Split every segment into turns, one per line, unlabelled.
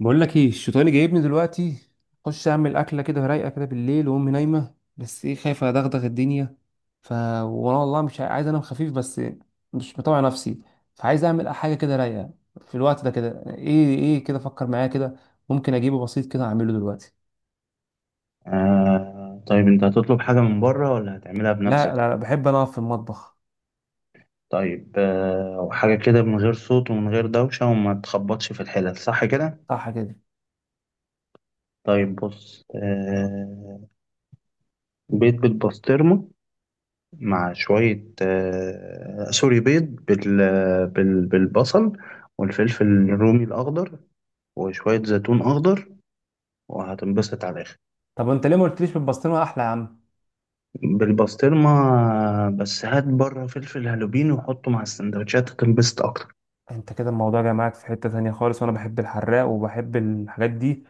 بقول لك ايه الشيطان جايبني دلوقتي. اخش اعمل اكله كده رايقه كده بالليل وامي نايمه، بس ايه خايفه ادغدغ الدنيا. ف وانا والله مش عايز انام خفيف، بس مش مطوع نفسي. فعايز اعمل حاجه كده رايقه في الوقت ده كده، ايه كده، فكر معايا كده. ممكن اجيبه بسيط كده اعمله دلوقتي؟
آه، طيب انت هتطلب حاجة من بره ولا هتعملها
لا لا
بنفسك؟
لا، بحب انا اقف في المطبخ.
طيب آه، وحاجة كده من غير صوت ومن غير دوشة وما تخبطش في الحلل، صح كده.
صح كده.
طيب بص آه، بيض بالبسطرمة مع شوية آه سوري بيض بالبصل والفلفل الرومي الأخضر وشوية زيتون أخضر، وهتنبسط على الآخر.
طب انت ليه ما قلتليش بالبسطرمه احلى يا عم؟
بالبسطرمة آه، بس هات بره فلفل هالوبين وحطه مع السندوتشات هتنبسط أكتر.
انت كده الموضوع جاي معاك في حتة تانية خالص، وانا بحب الحراق وبحب الحاجات دي.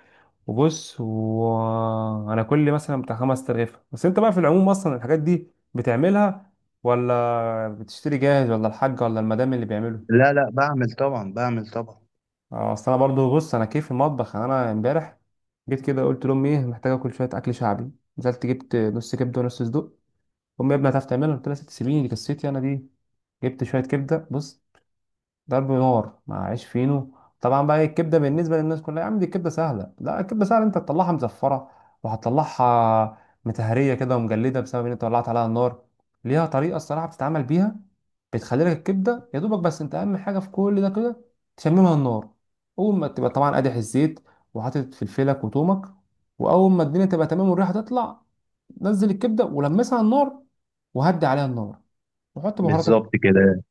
وبص، وانا كل مثلا بتاع 5 ترغيفة بس. انت بقى في العموم اصلا الحاجات دي بتعملها ولا بتشتري جاهز، ولا ولا المدام اللي بيعمله؟
لا لا، بعمل طبعا.
اه، اصل انا برضو بص، انا كيف المطبخ. يعني انا امبارح جيت كده، قلت لامي: ايه، محتاجه اكل شويه اكل شعبي. نزلت جبت نص كبده ونص صدوق. امي: يا ابني هتعرف تعملها؟ قلت لها: ست سيبيني، دي قصتي انا دي. جبت شويه كبده بص، ضرب نار مع عيش فينو. طبعا بقى إيه، الكبده بالنسبه للناس كلها يا عم، دي الكبده سهله. لا، الكبده سهله انت تطلعها مزفره، وهتطلعها متهريه كده ومجلده، بسبب ان انت ولعت عليها النار. ليها طريقه الصراحه بتتعمل بيها، بتخلي لك الكبده يا دوبك. بس انت اهم حاجه في كل ده كده، تشممها النار. اول ما تبقى طبعا قادح الزيت، وحاطط فلفلك وتومك، واول ما الدنيا تبقى تمام والريحه تطلع، نزل الكبده ولمسها على النار، وهدي عليها النار، وحط بهاراتك.
بالظبط كده.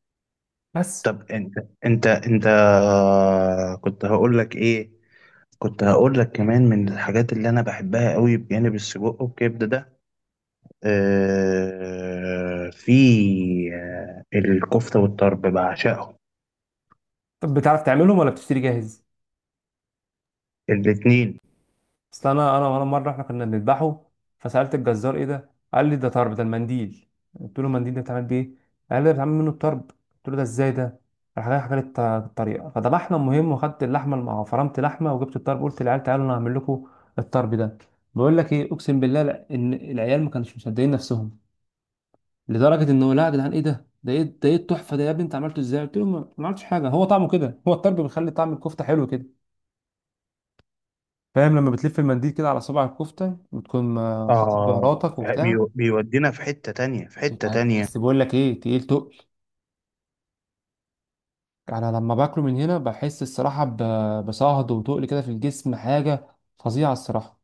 بس.
طب انت انت انت آه، كنت هقول لك ايه. كنت هقول لك كمان من الحاجات اللي انا بحبها قوي بجانب السجق والكبده ده، آه في آه الكفته والطرب بعشقهم
طب بتعرف تعملهم ولا بتشتري جاهز؟
الاتنين.
اصل انا مره احنا كنا بنذبحه، فسالت الجزار: ايه ده؟ قال لي: ده طرب، ده المنديل. قلت له: المنديل ده بيتعمل بيه؟ قال لي: ده بيتعمل منه الطرب. قلت له: ده ازاي ده؟ راح جاي حكى لي الطريقه. فذبحنا المهم، وخدت اللحمه فرمت لحمه، وجبت الطرب. قلت للعيال: تعالوا انا هعمل لكم الطرب ده. بقول لك ايه، اقسم بالله، لا ان العيال ما كانوش مصدقين نفسهم، لدرجه ان هو: لا يا جدعان ايه ده، ده ايه التحفه ده، يا ابني انت عملته ازاي؟ قلت له: ما عملتش حاجه، هو طعمه كده، هو الطرب بيخلي طعم الكفته حلو كده. فاهم؟ لما بتلف المنديل كده على صباع الكفته، وتكون حاطط
اه،
بهاراتك وبتاع.
بيودينا في حته تانية، في حته تانية.
بس بقول لك ايه، تقيل تقل. انا لما باكله من هنا بحس الصراحه بصهد وتقل كده في الجسم، حاجه فظيعه الصراحه.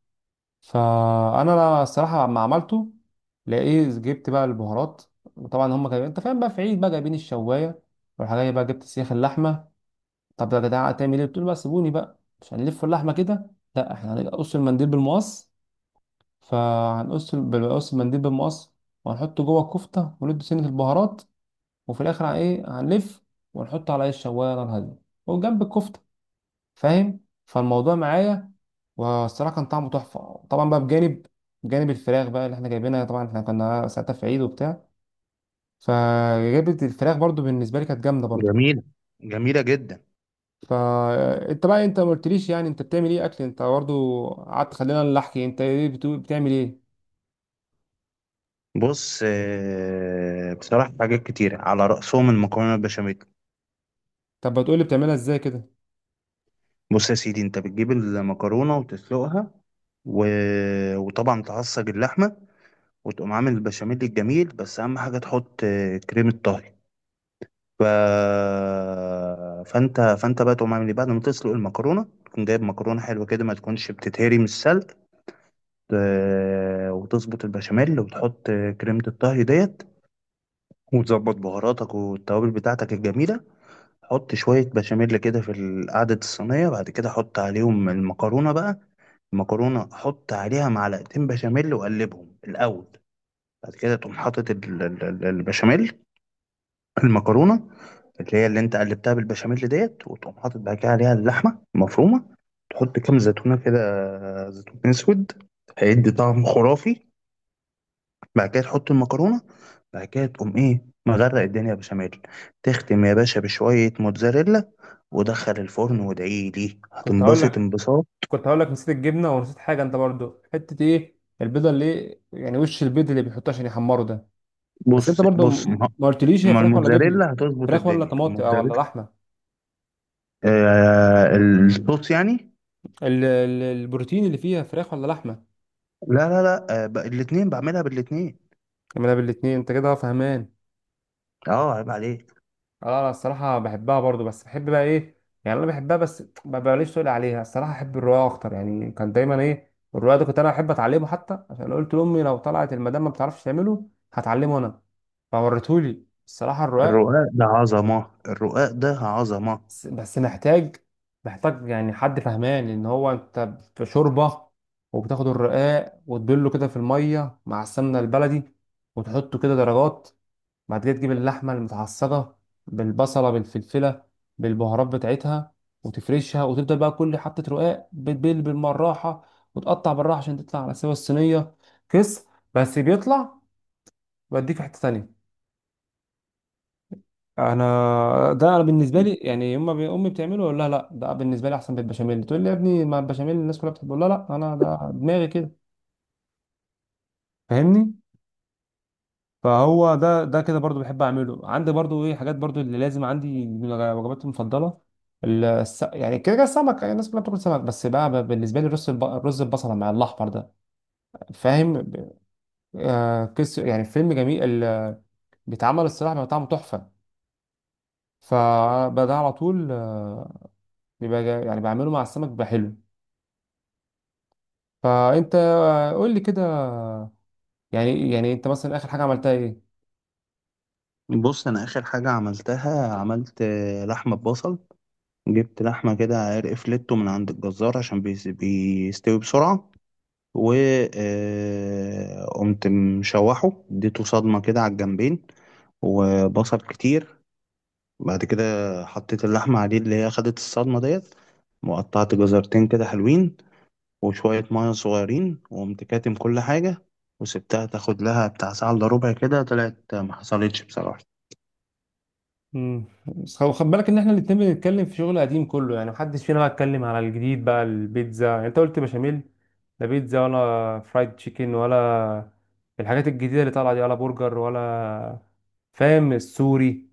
فانا الصراحه لما عملته، لقيت جبت بقى البهارات، وطبعا هم كانوا انت فاهم بقى في عيد، بقى جايبين الشوايه والحاجه، بقى جبت سيخ اللحمه. طب يا جدعان هتعمل ايه؟ بتقول بقى: سيبوني بقى، مش هنلف اللحمه كده، لا احنا هنقص المنديل بالمقص. فهنقص بنقص المنديل بالمقص، وهنحطه جوه الكفتة، وندي سنة البهارات، وفي الآخر إيه هنلف، ونحطه على إيه الشواية نار هادية، وجنب الكفتة، فاهم؟ فالموضوع معايا، والصراحة كان طعمه تحفة. طبعا بقى بجانب الفراخ بقى اللي احنا جايبينها، طبعا احنا كنا ساعتها في عيد وبتاع، فجابت الفراخ برضو، بالنسبة لي كانت جامدة برضو.
جميله، جميله جدا.
فانت بقى، انت ما قلتليش يعني انت بتعمل ايه اكل؟ انت برضو قعدت، خلينا نحكي انت ايه بتعمل ايه.
بص آه، بصراحه حاجات كتيره على رأسهم المكرونه البشاميل.
طب بتقولي بتعملها ازاي كده؟
بص يا سيدي، انت بتجيب المكرونه وتسلقها و... وطبعا تعصج اللحمه، وتقوم عامل البشاميل الجميل، بس اهم حاجه تحط آه، كريمه طهي. ف... فانت فانت بقى تقوم عامل ايه، بعد ما تسلق المكرونه تكون جايب مكرونه حلوه كده ما تكونش بتتهري من السلق. آه، وتظبط البشاميل وتحط آه، كريمه الطهي ديت، وتظبط بهاراتك والتوابل بتاعتك الجميله. حط شويه بشاميل كده في قاعده الصينيه، بعد كده حط عليهم المكرونه بقى. المكرونه حط عليها معلقتين بشاميل وقلبهم الاول، بعد كده تقوم حاطط البشاميل، المكرونه اللي هي اللي انت قلبتها بالبشاميل ديت، وتقوم حاطط بعد كده عليها اللحمه المفرومه. تحط كام زيتونه كده، زيتون اسود، هيدي طعم خرافي. بعد كده تحط المكرونه، بعد كده تقوم ايه مغرق الدنيا بشاميل. تختم يا باشا بشويه موتزاريلا، ودخل الفرن وادعي لي
كنت هقول
هتنبسط
لك،
انبساط.
كنت هقول لك نسيت الجبنه، ونسيت حاجه انت برضو حته ايه البيضه اللي يعني وش البيض اللي بيحطوه عشان يحمره ده. بس انت
بص
برضو
بص
ما قلتليش هي
ما
فراخ ولا جبنه؟
الموتزاريلا هتظبط
فراخ ولا
الدنيا،
طماطم آه، ولا
الموتزاريلا.
لحمه؟
آه الصوص يعني.
البروتين اللي فيها فراخ ولا لحمه؟
لا لا لا، آه الاثنين، بعملها بالاثنين.
ما انا بالاتنين، انت كده فهمان.
اه، عيب عليك.
اه انا الصراحه بحبها برضو، بس بحب بقى ايه، يعني انا بحبها، بس ما بقاليش تقول عليها. الصراحه احب الرقاق اكتر، يعني كان دايما ايه الرقاق ده كنت انا احب اتعلمه، حتى عشان قلت لامي لو طلعت المدام ما بتعرفش تعمله هتعلمه انا. فورتهولي الصراحه الرقاق.
الرقاق ده عظمة، الرقاق ده عظمة.
بس محتاج، محتاج يعني حد فهمان ان هو انت في شوربه، وبتاخد الرقاق وتبله كده في الميه مع السمنه البلدي، وتحطه كده درجات. بعد كده تجيب اللحمه المتعصجه بالبصله بالفلفله بالبهارات بتاعتها، وتفرشها، وتبدا بقى كل حته رقاق بتبل بالمراحه، وتقطع بالراحه عشان تطلع على سوا الصينيه. كس، بس بيطلع بديك في حته تانية. انا ده انا بالنسبه لي يعني يما امي بتعمله، اقول لها: لا، ده بالنسبه لي احسن بالبشاميل. تقول لي: يا ابني ما البشاميل الناس كلها بتحبه. لا لا، انا ده دماغي كده، فاهمني؟ فهو ده كده برضو بحب اعمله عندي، برضو ايه حاجات برضو اللي لازم عندي من وجباتي المفضله. يعني كده كده السمك، يعني الناس كلها بتاكل سمك، بس بقى بالنسبه لي الرز الرز البصله مع الاحمر ده، فاهم آه يعني فيلم جميل بيتعمل الصراحه بيبقى طعمه تحفه. فده على طول آه، بيبقى يعني بعمله مع السمك بيبقى حلو. فانت قول لي كده، يعني انت مثلا اخر حاجه عملتها ايه؟
بص انا اخر حاجة عملتها، عملت آه، لحمة ببصل. جبت لحمة كده عرق فليتو من عند الجزار عشان بيستوي بسرعة. و آه، قمت مشوحه اديته صدمة كده على الجنبين وبصل كتير. بعد كده حطيت اللحمة عليه اللي هي خدت الصدمة ديت، وقطعت جزرتين كده حلوين وشوية مية صغيرين، وقمت كاتم كل حاجة وسبتها تاخد لها بتاع ساعة إلا ربع كده، طلعت ما حصلتش بصراحة.
بس خد بالك ان احنا الاتنين بنتكلم في شغل قديم كله، يعني محدش فينا بقى اتكلم على الجديد. بقى البيتزا، يعني انت قلت بشاميل، لا بيتزا، ولا فرايد تشيكن، ولا الحاجات الجديده اللي طالعه دي، ولا برجر، ولا فاهم السوري.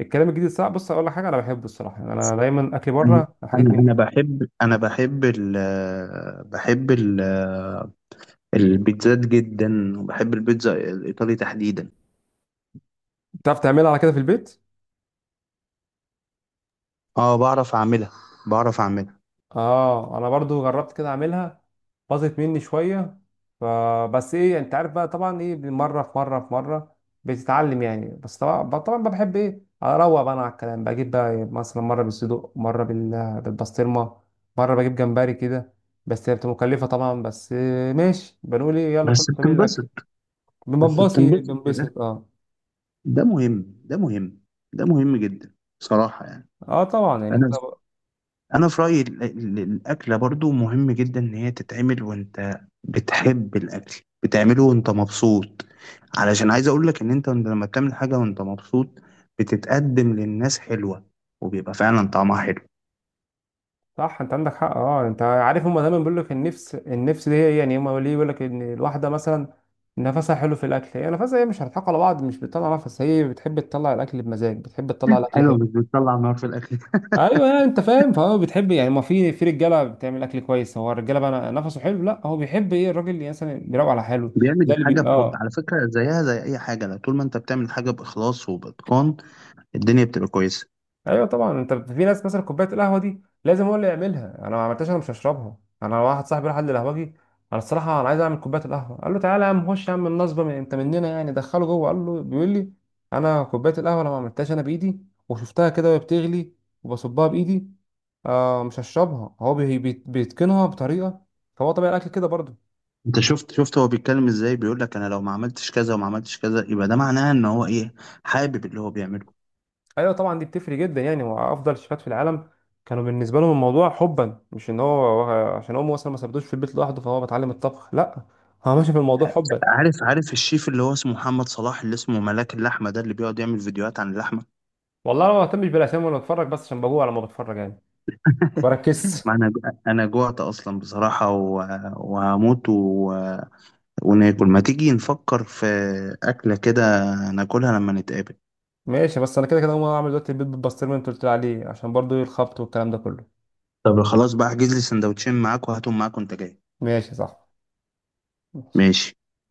الكلام الجديد صعب. بص اقول لك حاجه، انا بحبه الصراحه، يعني انا دايما اكل
أنا
بره حاجات
أنا
من
أنا
دي.
بحب أنا بحب ال بحب ال البيتزات جدا، وبحب البيتزا الإيطالي تحديدا.
بتعرف تعملها على كده في البيت؟
أه، بعرف أعملها، بعرف أعملها.
اه انا برضو جربت كده اعملها، باظت مني شويه. فبس ايه، انت عارف بقى طبعا ايه، مره بتتعلم يعني. بس طبعا بقى، بحب ايه اروق بقى، انا على الكلام بجيب بقى إيه، مثلا مره بالصدوق، مره بالبسطرمه، مره بجيب جمبري كده. بس هي بتبقى مكلفه طبعا، بس إيه ماشي، بنقول ايه، يلا
بس
كل سبيل الاكل.
بتنبسط، بس
بنبسط،
بتنبسط في الآخر،
بنبسط اه.
ده مهم، ده مهم، ده مهم جدا بصراحة يعني.
اه طبعا يعني
انا
انت
انا في رايي الاكله برضو مهم جدا ان هي تتعمل، وانت بتحب الاكل بتعمله وانت مبسوط. علشان عايز اقول لك ان انت لما بتعمل حاجه وانت مبسوط، بتتقدم للناس حلوه، وبيبقى فعلا طعمها حلو.
صح، انت عندك حق. اه انت عارف هما دايما بيقول لك النفس، النفس دي هي يعني هما ليه بيقول لك ان الواحده مثلا نفسها حلو في الاكل، هي نفسها هي مش هنضحك على بعض، مش بتطلع نفس، هي بتحب تطلع الاكل بمزاج، بتحب تطلع الاكل
حلو، مش
حلو.
بتطلع نار في الاكل.
ايوه، يعني انت فاهم، فهو بتحب يعني ما في رجاله بتعمل اكل كويس، هو الرجاله بقى نفسه حلو. لا، هو بيحب ايه الراجل اللي مثلا بيروق على حاله.
بيعمل
ده
الحاجه بحب،
اه
على فكره زيها زي اي حاجه، لو طول ما انت بتعمل حاجه باخلاص وباتقان، الدنيا بتبقى كويسه.
ايوه طبعا، انت في ناس مثلا كوبايه القهوه دي لازم هو اللي يعملها، انا ما عملتهاش انا مش هشربها. انا واحد صاحبي راح قال لي القهوجي، انا الصراحه انا عايز اعمل كوبايه القهوه. قال له: تعالى يا عم، خش يا عم النصبه، من انت مننا يعني، دخله جوه، قال له بيقول لي: انا كوبايه القهوه انا ما عملتهاش انا بايدي، وشفتها كده وهي بتغلي، وبصبها بايدي، آه مش هشربها. هو بيتقنها بطريقه، فهو طبيعي الاكل كده برضه.
انت شفت هو بيتكلم ازاي؟ بيقول لك انا لو ما عملتش كذا وما عملتش كذا، يبقى ده معناه ان هو ايه، حابب اللي هو بيعمله.
ايوه طبعا دي بتفرق جدا. يعني هو افضل شيفات في العالم كانوا بالنسبه لهم الموضوع حبا، مش ان هو عشان امه مثلا ما سابتوش في البيت لوحده فهو بتعلم الطبخ، لا، هو ماشي في الموضوع حبا.
عارف الشيف اللي هو اسمه محمد صلاح، اللي اسمه ملاك اللحمة ده، اللي بيقعد يعمل فيديوهات عن اللحمة؟
والله انا ما بهتمش بالاسامي، وانا بتفرج بس عشان بجوع لما بتفرج يعني، بركز.
ما انا جوعت اصلا بصراحة وهموت، وناكل. ما تيجي نفكر في أكلة كده ناكلها لما نتقابل.
ماشي، بس انا كده كده هقوم اعمل دلوقتي البيض بالبسطرمه اللي انت قلت لي عليه، عشان برضو الخبط والكلام ده كله.
طب خلاص بقى احجز لي سندوتشين معاك وهاتهم معاك وانت جاي.
ماشي صح. ماشي.
ماشي.